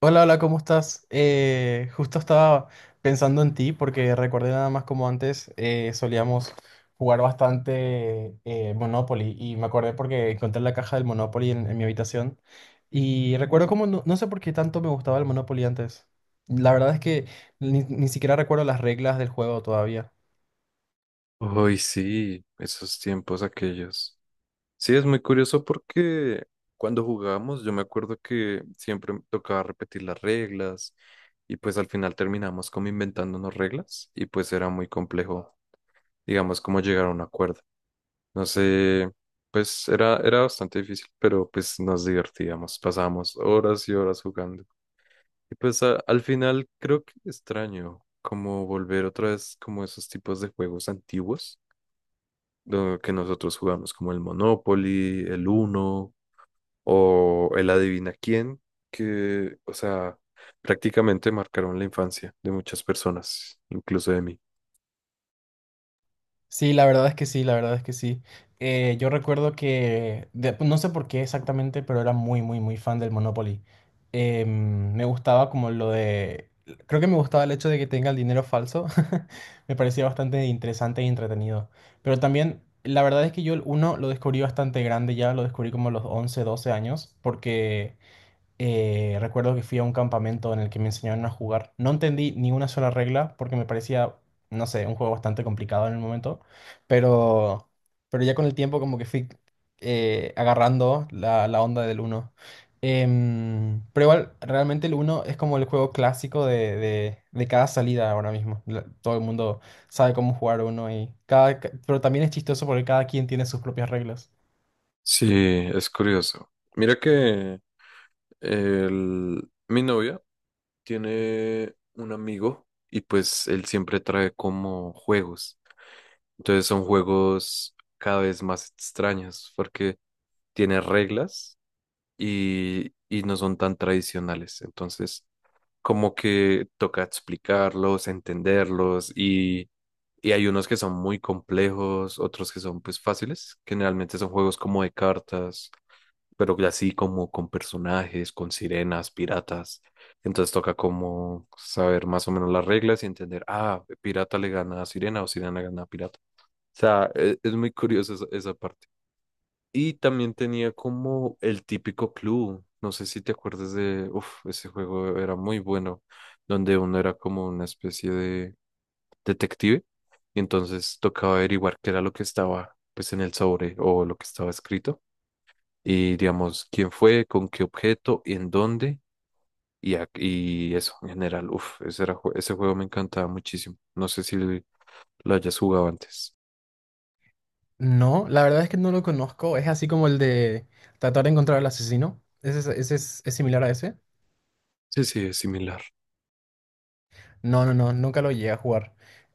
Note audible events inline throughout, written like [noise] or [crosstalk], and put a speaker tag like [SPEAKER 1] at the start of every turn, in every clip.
[SPEAKER 1] Hola, hola, ¿cómo estás? Justo estaba pensando en ti porque recordé nada más como antes solíamos jugar bastante Monopoly y me acordé porque encontré la caja del Monopoly en mi habitación y recuerdo como no sé por qué tanto me gustaba el Monopoly antes. La verdad es que ni siquiera recuerdo las reglas del juego todavía.
[SPEAKER 2] Hoy sí, esos tiempos aquellos. Sí, es muy curioso porque cuando jugábamos yo me acuerdo que siempre me tocaba repetir las reglas y pues al final terminamos como inventándonos reglas y pues era muy complejo, digamos, como llegar a un acuerdo. No sé, pues era bastante difícil, pero pues nos divertíamos, pasábamos horas y horas jugando. Y pues al final creo que extraño como volver otra vez como esos tipos de juegos antiguos lo que nosotros jugamos como el Monopoly, el Uno o el Adivina quién, que, o sea, prácticamente marcaron la infancia de muchas personas, incluso de mí.
[SPEAKER 1] Sí, la verdad es que sí, la verdad es que sí. Yo recuerdo que, pues, no sé por qué exactamente, pero era muy, muy, muy fan del Monopoly. Me gustaba como lo creo que me gustaba el hecho de que tenga el dinero falso. [laughs] Me parecía bastante interesante y entretenido. Pero también, la verdad es que yo el uno lo descubrí bastante grande ya, lo descubrí como a los 11 12 años, porque recuerdo que fui a un campamento en el que me enseñaron a jugar. No entendí ni una sola regla porque me parecía, no sé, un juego bastante complicado en el momento. Pero, pero ya con el tiempo como que fui agarrando la onda del uno. Pero igual, realmente el uno es como el juego clásico de cada salida ahora mismo. Todo el mundo sabe cómo jugar uno y pero también es chistoso porque cada quien tiene sus propias reglas.
[SPEAKER 2] Sí, es curioso. Mira que mi novia tiene un amigo y pues él siempre trae como juegos. Entonces son juegos cada vez más extraños porque tiene reglas y no son tan tradicionales. Entonces como que toca explicarlos, entenderlos y hay unos que son muy complejos, otros que son pues fáciles, que generalmente son juegos como de cartas, pero que así como con personajes, con sirenas, piratas. Entonces toca como saber más o menos las reglas y entender, ah, pirata le gana a sirena o sirena gana a pirata. O sea, es, muy curioso esa parte. Y también tenía como el típico club, no sé si te acuerdas de, uff, ese juego era muy bueno, donde uno era como una especie de detective y entonces tocaba averiguar qué era lo que estaba pues en el sobre o lo que estaba escrito y digamos quién fue, con qué objeto, en dónde y, y eso en general, uff, ese juego me encantaba muchísimo, no sé si lo hayas jugado antes.
[SPEAKER 1] No, la verdad es que no lo conozco. Es así como el de tratar de encontrar al asesino. ¿ ese es similar a ese?
[SPEAKER 2] Sí, sí, es similar.
[SPEAKER 1] No, no, no, nunca lo llegué a jugar.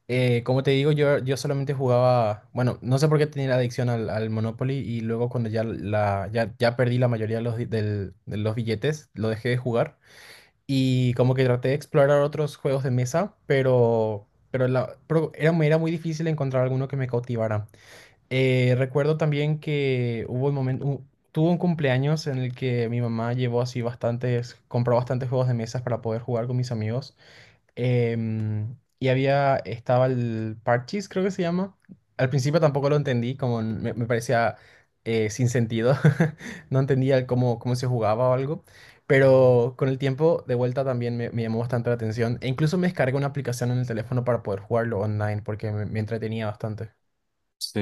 [SPEAKER 1] Como te digo, yo solamente jugaba, bueno, no sé por qué tenía la adicción al Monopoly y luego cuando ya perdí la mayoría de de los billetes, lo dejé de jugar y como que traté de explorar otros juegos de mesa, pero era, era muy difícil encontrar alguno que me cautivara. Recuerdo también que hubo un momento, tuvo un cumpleaños en el que mi mamá llevó así bastantes, compró bastantes juegos de mesas para poder jugar con mis amigos. Y había, estaba el Parchís, creo que se llama. Al principio tampoco lo entendí, como me parecía sin sentido. [laughs] No entendía el cómo, cómo se jugaba o algo. Pero con el tiempo, de vuelta también me llamó bastante la atención. E incluso me descargué una aplicación en el teléfono para poder jugarlo online porque me entretenía bastante.
[SPEAKER 2] Sí.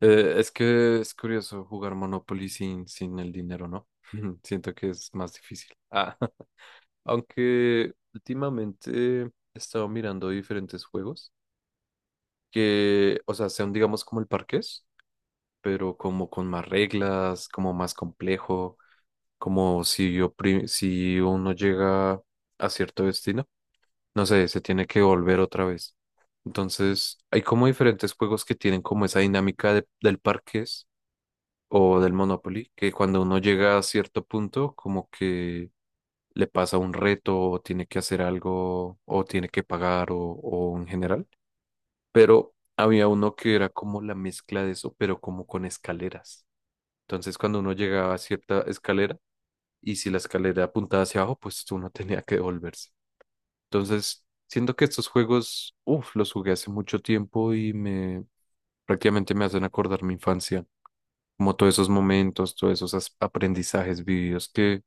[SPEAKER 2] Es que es curioso jugar Monopoly sin, sin el dinero, ¿no? [laughs] Siento que es más difícil. Ah, [laughs] aunque últimamente he estado mirando diferentes juegos que, o sea, sean digamos como el parqués, pero como con más reglas, como más complejo, como si uno llega a cierto destino, no sé, se tiene que volver otra vez. Entonces, hay como diferentes juegos que tienen como esa dinámica del parqués o del Monopoly, que cuando uno llega a cierto punto, como que le pasa un reto o tiene que hacer algo o tiene que pagar o en general. Pero había uno que era como la mezcla de eso, pero como con escaleras. Entonces, cuando uno llegaba a cierta escalera y si la escalera apuntaba hacia abajo, pues uno [laughs] tenía que devolverse. Entonces, siento que estos juegos, uff, los jugué hace mucho tiempo y me prácticamente me hacen acordar mi infancia. Como todos esos momentos, todos esos aprendizajes vividos que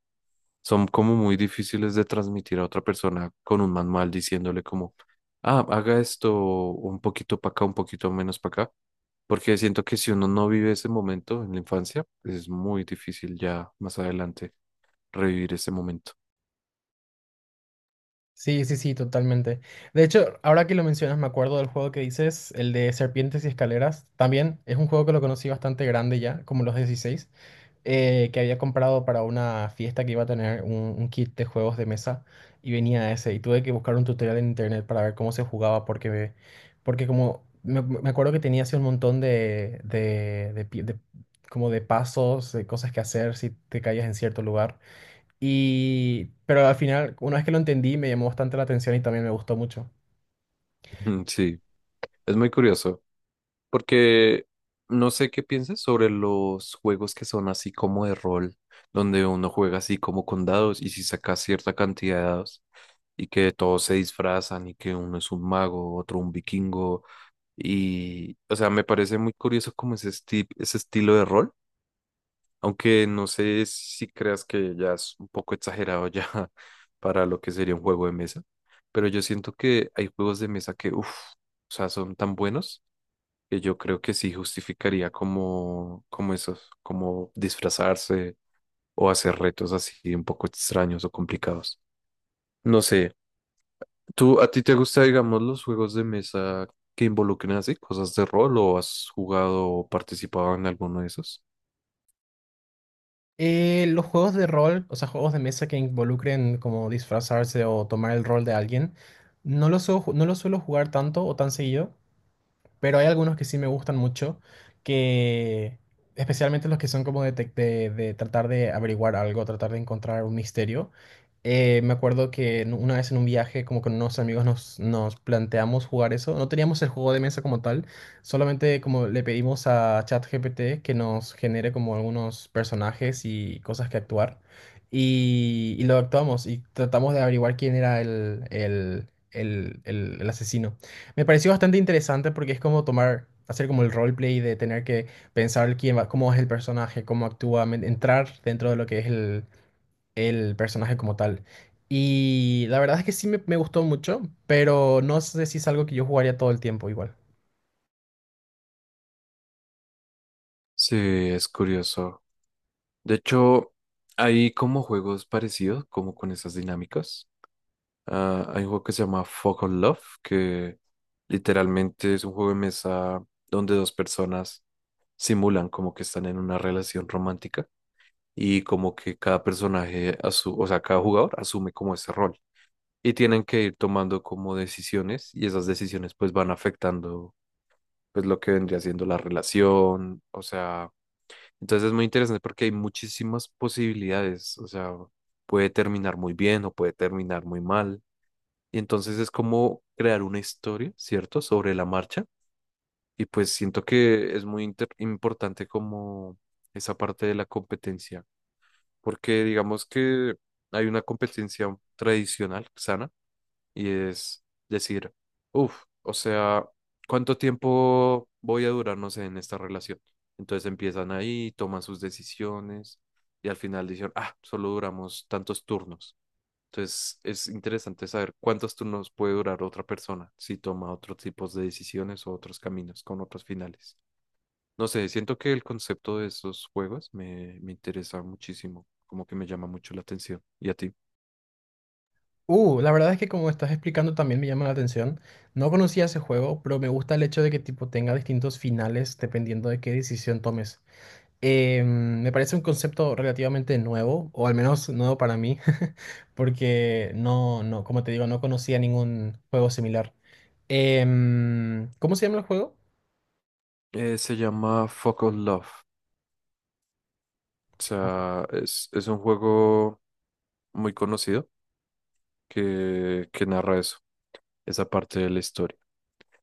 [SPEAKER 2] son como muy difíciles de transmitir a otra persona con un manual diciéndole como, ah, haga esto un poquito para acá, un poquito menos para acá, porque siento que si uno no vive ese momento en la infancia, pues es muy difícil ya más adelante revivir ese momento.
[SPEAKER 1] Sí, sí, sí, totalmente. De hecho, ahora que lo mencionas, me acuerdo del juego que dices, el de Serpientes y Escaleras. También es un juego que lo conocí bastante grande ya, como los 16, que había comprado para una fiesta que iba a tener un kit de juegos de mesa y venía ese. Y tuve que buscar un tutorial en internet para ver cómo se jugaba, porque como me acuerdo que tenía así un montón como de pasos, de cosas que hacer si te caías en cierto lugar. Y, pero al final, una vez que lo entendí, me llamó bastante la atención y también me gustó mucho.
[SPEAKER 2] [laughs] Sí, es muy curioso. Porque no sé qué piensas sobre los juegos que son así como de rol, donde uno juega así como con dados y si saca cierta cantidad de dados y que todos se disfrazan y que uno es un mago, otro un vikingo y, o sea, me parece muy curioso como ese estilo de rol, aunque no sé si creas que ya es un poco exagerado ya [laughs] para lo que sería un juego de mesa, pero yo siento que hay juegos de mesa que, uff, o sea, son tan buenos que yo creo que sí justificaría como, como esos, como disfrazarse o hacer retos así un poco extraños o complicados. No sé, ¿tú a ti te gusta, digamos, los juegos de mesa que involucren así cosas de rol o has jugado o participado en alguno de esos?
[SPEAKER 1] Los juegos de rol, o sea, juegos de mesa que involucren como disfrazarse o tomar el rol de alguien, no los suelo jugar tanto o tan seguido, pero hay algunos que sí me gustan mucho, que especialmente los que son como de tratar de averiguar algo, tratar de encontrar un misterio. Me acuerdo que una vez en un viaje, como con unos amigos, nos planteamos jugar eso. No teníamos el juego de mesa como tal, solamente como le pedimos a ChatGPT que nos genere como algunos personajes y cosas que actuar. Y lo actuamos y tratamos de averiguar quién era el asesino. Me pareció bastante interesante porque es como tomar, hacer como el roleplay de tener que pensar quién va, cómo es el personaje, cómo actúa, entrar dentro de lo que es el personaje como tal. Y la verdad es que sí me gustó mucho, pero no sé si es algo que yo jugaría todo el tiempo igual.
[SPEAKER 2] Sí, es curioso. De hecho, hay como juegos parecidos, como con esas dinámicas. Ah, hay un juego que se llama Fog on Love, que literalmente es un juego de mesa donde dos personas simulan como que están en una relación romántica y como que cada personaje, o sea, cada jugador asume como ese rol y tienen que ir tomando como decisiones y esas decisiones pues van afectando pues lo que vendría siendo la relación, o sea, entonces es muy interesante porque hay muchísimas posibilidades, o sea, puede terminar muy bien o puede terminar muy mal y entonces es como crear una historia, ¿cierto? Sobre la marcha y pues siento que es muy importante como esa parte de la competencia, porque digamos que hay una competencia tradicional, sana, y es decir, uff, o sea, ¿cuánto tiempo voy a durar, no sé, en esta relación? Entonces empiezan ahí, toman sus decisiones y al final dicen, ah, solo duramos tantos turnos. Entonces es interesante saber cuántos turnos puede durar otra persona si toma otros tipos de decisiones o otros caminos con otros finales. No sé, siento que el concepto de esos juegos me interesa muchísimo, como que me llama mucho la atención. ¿Y a ti?
[SPEAKER 1] La verdad es que como estás explicando también me llama la atención. No conocía ese juego, pero me gusta el hecho de que tipo tenga distintos finales dependiendo de qué decisión tomes. Me parece un concepto relativamente nuevo, o al menos nuevo para mí, [laughs] porque no, como te digo, no conocía ningún juego similar. ¿Cómo se llama el juego?
[SPEAKER 2] Se llama Fuck All Love. O
[SPEAKER 1] Ojo.
[SPEAKER 2] sea, es un juego muy conocido que narra eso, esa parte de la historia.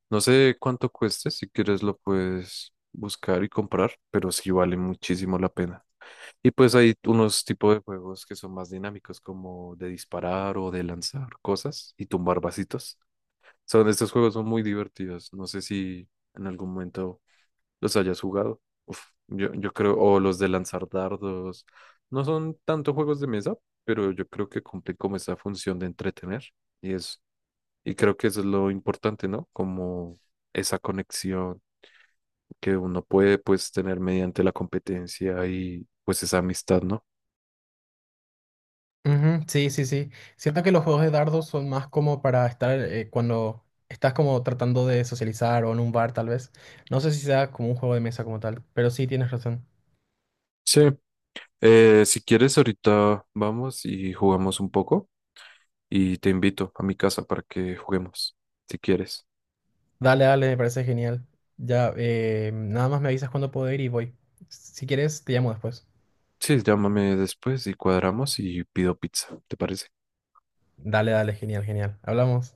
[SPEAKER 2] No sé cuánto cueste, si quieres lo puedes buscar y comprar, pero sí vale muchísimo la pena. Y pues hay unos tipos de juegos que son más dinámicos, como de disparar o de lanzar cosas y tumbar vasitos. Son, estos juegos son muy divertidos. No sé si en algún momento los hayas jugado. Uf, yo creo, o los de lanzar dardos. No son tanto juegos de mesa, pero yo creo que cumplen como esa función de entretener. Y es, y creo que eso es lo importante, ¿no? Como esa conexión que uno puede pues tener mediante la competencia y pues esa amistad, ¿no?
[SPEAKER 1] Ujú, sí, sí, sí. Siento que los juegos de dardos son más como para estar cuando estás como tratando de socializar o en un bar tal vez. No sé si sea como un juego de mesa como tal, pero sí tienes razón.
[SPEAKER 2] Sí. Si quieres, ahorita vamos y jugamos un poco y te invito a mi casa para que juguemos, si quieres.
[SPEAKER 1] Dale, dale, me parece genial. Ya, nada más me avisas cuando puedo ir y voy. Si quieres, te llamo después.
[SPEAKER 2] Sí, llámame después y cuadramos y pido pizza, ¿te parece?
[SPEAKER 1] Dale, dale, genial, genial. Hablamos.